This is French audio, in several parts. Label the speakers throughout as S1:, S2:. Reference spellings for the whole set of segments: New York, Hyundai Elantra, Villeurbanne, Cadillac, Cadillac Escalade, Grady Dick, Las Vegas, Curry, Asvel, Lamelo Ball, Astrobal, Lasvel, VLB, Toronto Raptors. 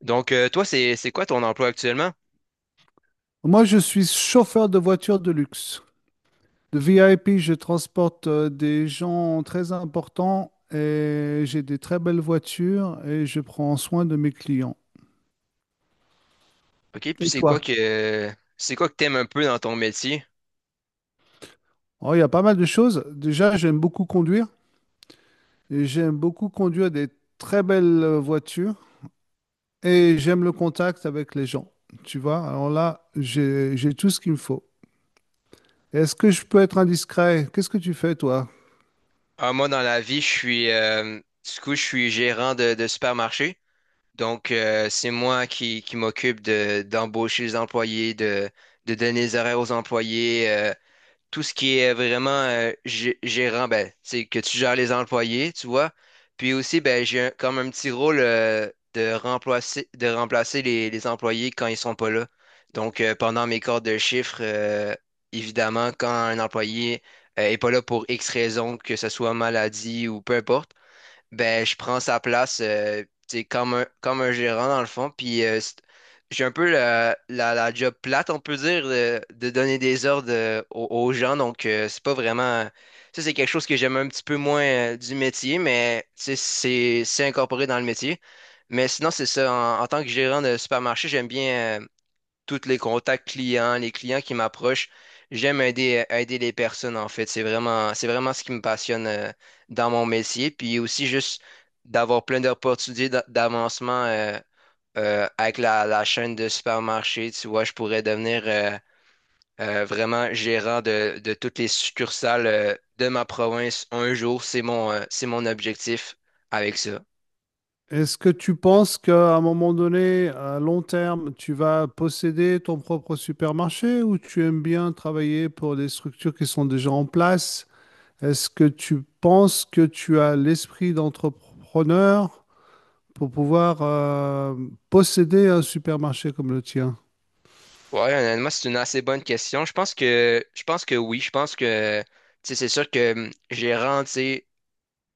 S1: Toi, c'est quoi ton emploi actuellement?
S2: Moi, je suis chauffeur de voiture de luxe. De VIP, je transporte des gens très importants, et j'ai des très belles voitures, et je prends soin de mes clients.
S1: OK, puis
S2: Et
S1: c'est quoi
S2: toi?
S1: que t'aimes un peu dans ton métier?
S2: Oh, il y a pas mal de choses. Déjà, j'aime beaucoup conduire, et j'aime beaucoup conduire des très belles voitures, et j'aime le contact avec les gens. Tu vois, alors là, j'ai tout ce qu'il me faut. Est-ce que je peux être indiscret? Qu'est-ce que tu fais, toi?
S1: Ah, moi, dans la vie, je suis gérant de supermarché. C'est moi qui m'occupe de d'embaucher les employés, de donner les horaires aux employés, tout ce qui est vraiment gérant, ben, c'est que tu gères les employés, tu vois. Puis aussi, ben, comme un petit rôle de remplacer les employés quand ils sont pas là. Pendant mes corps de chiffre, évidemment, quand un employé est pas là pour X raison, que ce soit maladie ou peu importe, ben je prends sa place tu sais, comme un gérant dans le fond puis j'ai un peu la job plate on peut dire de donner des ordres aux gens donc c'est pas vraiment ça, c'est quelque chose que j'aime un petit peu moins du métier, mais tu sais, c'est incorporé dans le métier, mais sinon c'est ça en, en tant que gérant de supermarché, j'aime bien tous les contacts clients, les clients qui m'approchent. J'aime aider, aider les personnes, en fait. C'est vraiment ce qui me passionne dans mon métier. Puis aussi juste d'avoir plein d'avancement avec la chaîne de supermarché. Tu vois, je pourrais devenir vraiment gérant de toutes les succursales de ma province un jour. C'est mon objectif avec ça.
S2: Est-ce que tu penses qu'à un moment donné, à long terme, tu vas posséder ton propre supermarché, ou tu aimes bien travailler pour des structures qui sont déjà en place? Est-ce que tu penses que tu as l'esprit d'entrepreneur pour pouvoir posséder un supermarché comme le tien?
S1: Ouais, honnêtement, c'est une assez bonne question. Je pense que oui. Je pense que tu sais, c'est sûr que gérant, tu sais,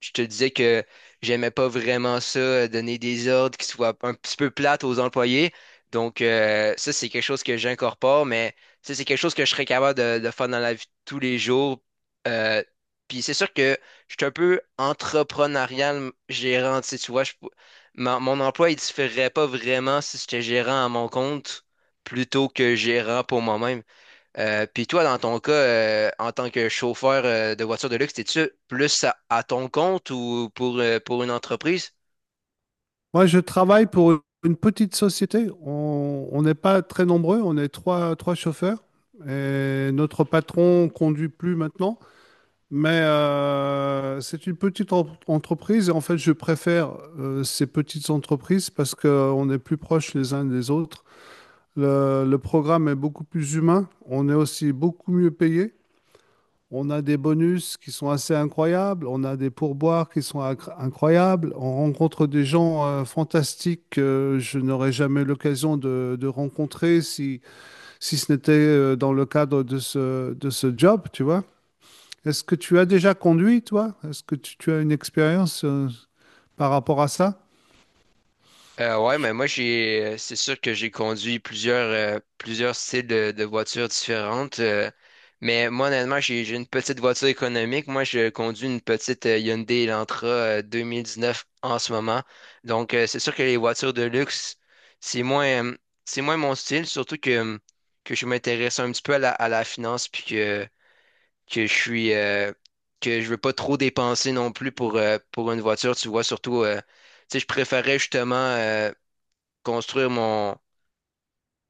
S1: je te disais que j'aimais pas vraiment ça, donner des ordres qui soient un petit peu plates aux employés. Ça, c'est quelque chose que j'incorpore, mais ça, c'est quelque chose que je serais capable de faire dans la vie de tous les jours. Euh, puis c'est sûr que je suis un peu entrepreneurial gérant, tu sais, tu vois, mon emploi, il différerait pas vraiment si j'étais gérant à mon compte plutôt que gérant pour moi-même. Puis toi, dans ton cas, en tant que chauffeur de voiture de luxe, t'es-tu plus à ton compte ou pour une entreprise?
S2: Moi, je travaille pour une petite société. On n'est pas très nombreux, on est trois, trois chauffeurs. Et notre patron conduit plus maintenant. Mais c'est une petite entreprise, et en fait, je préfère ces petites entreprises parce qu'on est plus proches les uns des autres. Le programme est beaucoup plus humain. On est aussi beaucoup mieux payé. On a des bonus qui sont assez incroyables. On a des pourboires qui sont incroyables. On rencontre des gens fantastiques que je n'aurais jamais l'occasion de rencontrer si, si ce n'était dans le cadre de ce job, tu vois. Est-ce que tu as déjà conduit, toi? Est-ce que tu as une expérience par rapport à ça?
S1: Ouais,
S2: Je-
S1: mais moi j'ai c'est sûr que j'ai conduit plusieurs plusieurs styles de voitures différentes. Mais moi honnêtement, j'ai une petite voiture économique. Moi, je conduis une petite Hyundai Elantra 2019 en ce moment. Donc c'est sûr que les voitures de luxe, c'est moins euh, c'est moins mon style, surtout que je m'intéresse un petit peu à la finance puis que je suis euh, que je veux pas trop dépenser non plus pour une voiture, tu vois, surtout tu sais, je préférais justement construire mon.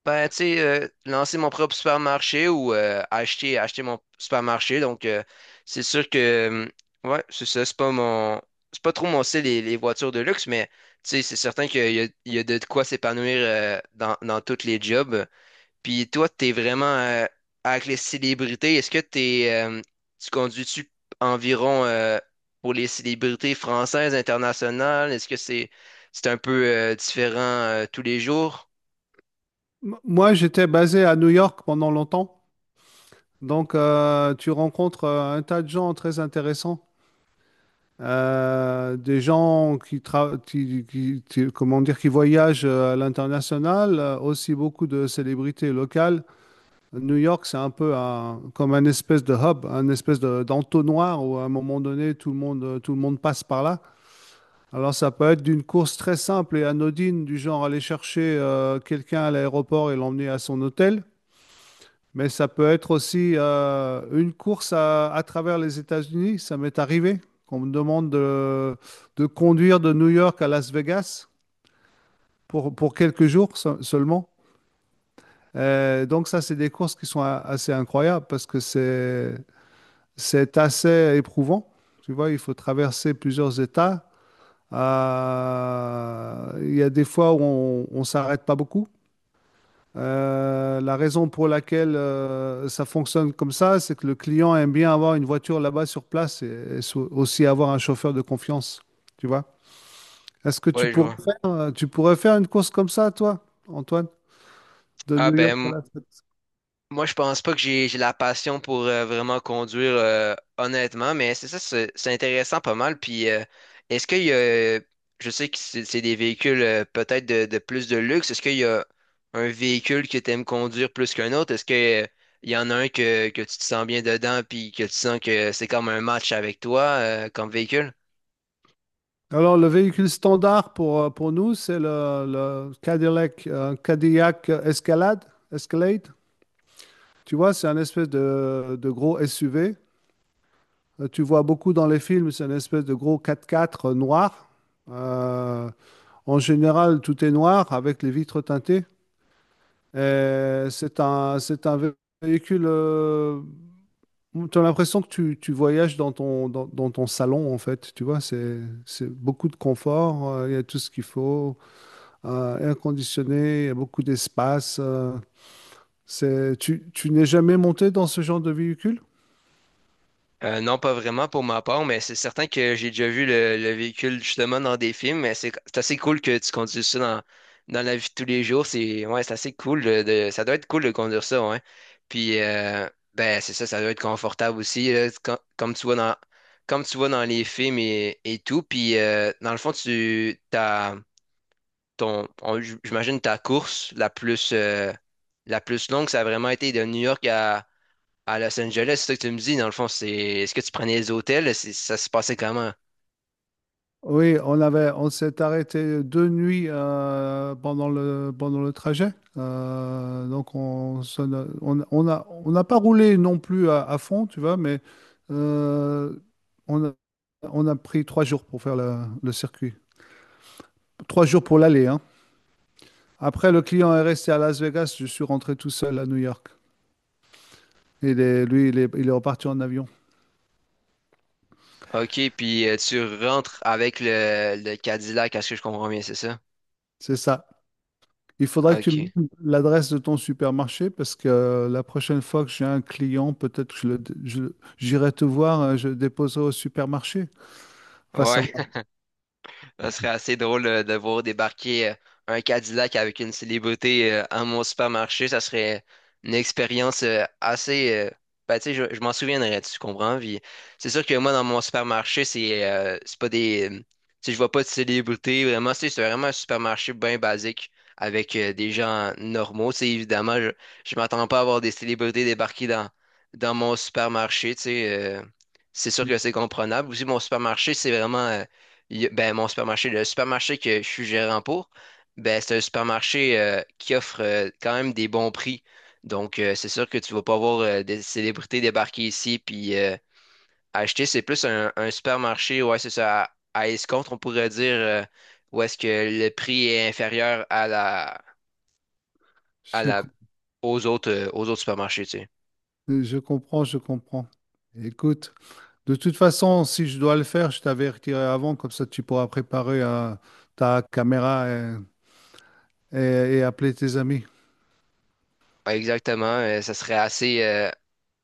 S1: Ben, tu sais, lancer mon propre supermarché ou acheter, acheter mon supermarché. Donc c'est sûr que. euh, Ouais, c'est ça. C'est pas mon. C'est pas trop mon style, les voitures de luxe, mais, tu sais, c'est certain qu'il y a, il y a de quoi s'épanouir dans, dans tous les jobs. Puis toi, t'es vraiment avec les célébrités. Est-ce que t'es. Tu conduis-tu environ pour les célébrités françaises, internationales? Est-ce que c'est un peu différent tous les jours?
S2: Moi, j'étais basé à New York pendant longtemps. Donc, tu rencontres un tas de gens très intéressants. Des gens qui, comment dire, qui voyagent à l'international, aussi beaucoup de célébrités locales. New York, c'est un peu comme un espèce de hub, un espèce d'entonnoir où à un moment donné, tout le monde passe par là. Alors ça peut être d'une course très simple et anodine, du genre aller chercher quelqu'un à l'aéroport et l'emmener à son hôtel, mais ça peut être aussi une course à travers les États-Unis. Ça m'est arrivé qu'on me demande de conduire de New York à Las Vegas pour quelques jours seulement. Donc ça, c'est des courses qui sont assez incroyables parce que c'est assez éprouvant. Tu vois, il faut traverser plusieurs États. Il y a des fois où on ne s'arrête pas beaucoup. La raison pour laquelle ça fonctionne comme ça, c'est que le client aime bien avoir une voiture là-bas sur place, et aussi avoir un chauffeur de confiance. Tu vois? Est-ce que
S1: Ouais, je vois.
S2: tu pourrais faire une course comme ça, toi, Antoine, de
S1: Ah
S2: New York
S1: ben,
S2: à
S1: m-
S2: la Suède?
S1: moi je pense pas que j'ai la passion pour vraiment conduire honnêtement, mais c'est ça, c'est intéressant pas mal. Puis Est-ce qu'il y a, je sais que c'est des véhicules peut-être de plus de luxe, est-ce qu'il y a un véhicule que t'aimes conduire plus qu'un autre? Est-ce que Il y en a un que tu te sens bien dedans puis que tu sens que c'est comme un match avec toi comme véhicule?
S2: Alors, le véhicule standard pour nous, c'est le Cadillac, Cadillac Escalade, Escalade. Tu vois, c'est un espèce de gros SUV. Tu vois beaucoup dans les films, c'est une espèce de gros 4x4 noir. Euh, En général, tout est noir avec les vitres teintées. Et c'est un véhicule. Tu as l'impression que tu voyages dans ton, dans, dans ton salon, en fait. Tu vois, c'est beaucoup de confort. Il y a tout ce qu'il faut. Air conditionné, il y a beaucoup d'espace. Euh, c'est, tu n'es jamais monté dans ce genre de véhicule?
S1: Non, pas vraiment pour ma part, mais c'est certain que j'ai déjà vu le véhicule justement dans des films, mais c'est assez cool que tu conduises ça dans, dans la vie de tous les jours. C'est ouais, c'est assez cool ça doit être cool de conduire ça, ouais. Puis Ben c'est ça, ça doit être confortable aussi, là, comme tu vois dans les films et tout. Puis dans le fond, tu t'as ton j'imagine ta course la plus longue, ça a vraiment été de New York à Los Angeles, c'est ça que tu me dis, dans le fond, c'est est-ce que tu prenais les hôtels? C'est- Ça se passait comment?
S2: Oui, on avait, on s'est arrêté deux nuits pendant le trajet. Donc, on, on a, on n'a pas roulé non plus à fond, tu vois, mais euh, on a, on a pris trois jours pour faire le circuit. Trois jours pour l'aller, hein. Après, le client est resté à Las Vegas, je suis rentré tout seul à New York. Il est, lui, il est reparti en avion.
S1: OK, puis tu rentres avec le Cadillac, à ce que je comprends bien, c'est ça?
S2: C'est ça. Il faudra que tu me
S1: OK.
S2: donnes l'adresse de ton supermarché parce que la prochaine fois que j'ai un client, peut-être que j'irai te voir, je le déposerai au supermarché. Enfin,
S1: Ouais.
S2: savoir.
S1: Ça serait assez drôle de voir débarquer un Cadillac avec une célébrité à mon supermarché. Ça serait une expérience assez. Ben, tu sais, je m'en souviendrai, tu comprends? Puis, c'est sûr que moi, dans mon supermarché, c'est pas des. Tu sais, je vois pas de célébrité. Vraiment, tu sais, c'est vraiment un supermarché bien basique avec des gens normaux. Tu sais, évidemment, je m'attends pas à voir des célébrités débarquer dans, dans mon supermarché. C'est sûr que c'est comprenable. Aussi, mon supermarché, c'est vraiment. Ben, mon supermarché, le supermarché que je suis gérant pour, ben, c'est un supermarché qui offre quand même des bons prix. Donc c'est sûr que tu vas pas voir des célébrités débarquer ici puis acheter. C'est plus un supermarché, ouais, c'est ça, à escompte, on pourrait dire, où est-ce que le prix est inférieur à
S2: Je,
S1: la,
S2: com-
S1: aux autres supermarchés, tu sais.
S2: je comprends, je comprends. Écoute, de toute façon, si je dois le faire, je t'avertirai avant, comme ça tu pourras préparer ta caméra, et appeler tes amis.
S1: Ouais, exactement, ça serait assez,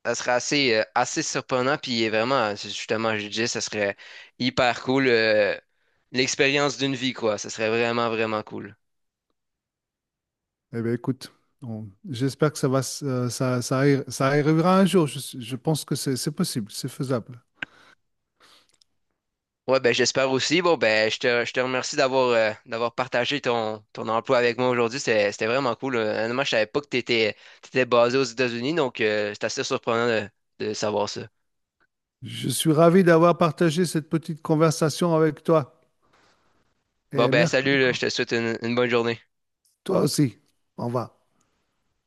S1: ça serait assez, assez surprenant, puis vraiment, c'est justement, je disais ça serait hyper cool. L'expérience d'une vie, quoi. Ça serait vraiment, vraiment cool.
S2: Eh bien, écoute, j'espère que ça va, ça arrivera un jour. Je pense que c'est possible, c'est faisable.
S1: Ouais, ben j'espère aussi. Bon, ben je te remercie d'avoir d'avoir partagé ton, ton emploi avec moi aujourd'hui. C'était, c'était vraiment cool. Honnêtement, je savais pas que t'étais, t'étais basé aux États-Unis, donc c'est assez surprenant de savoir ça.
S2: Je suis ravi d'avoir partagé cette petite conversation avec toi,
S1: Bon,
S2: et
S1: ben
S2: merci.
S1: salut, là, je te souhaite une bonne journée.
S2: Toi aussi. Au revoir.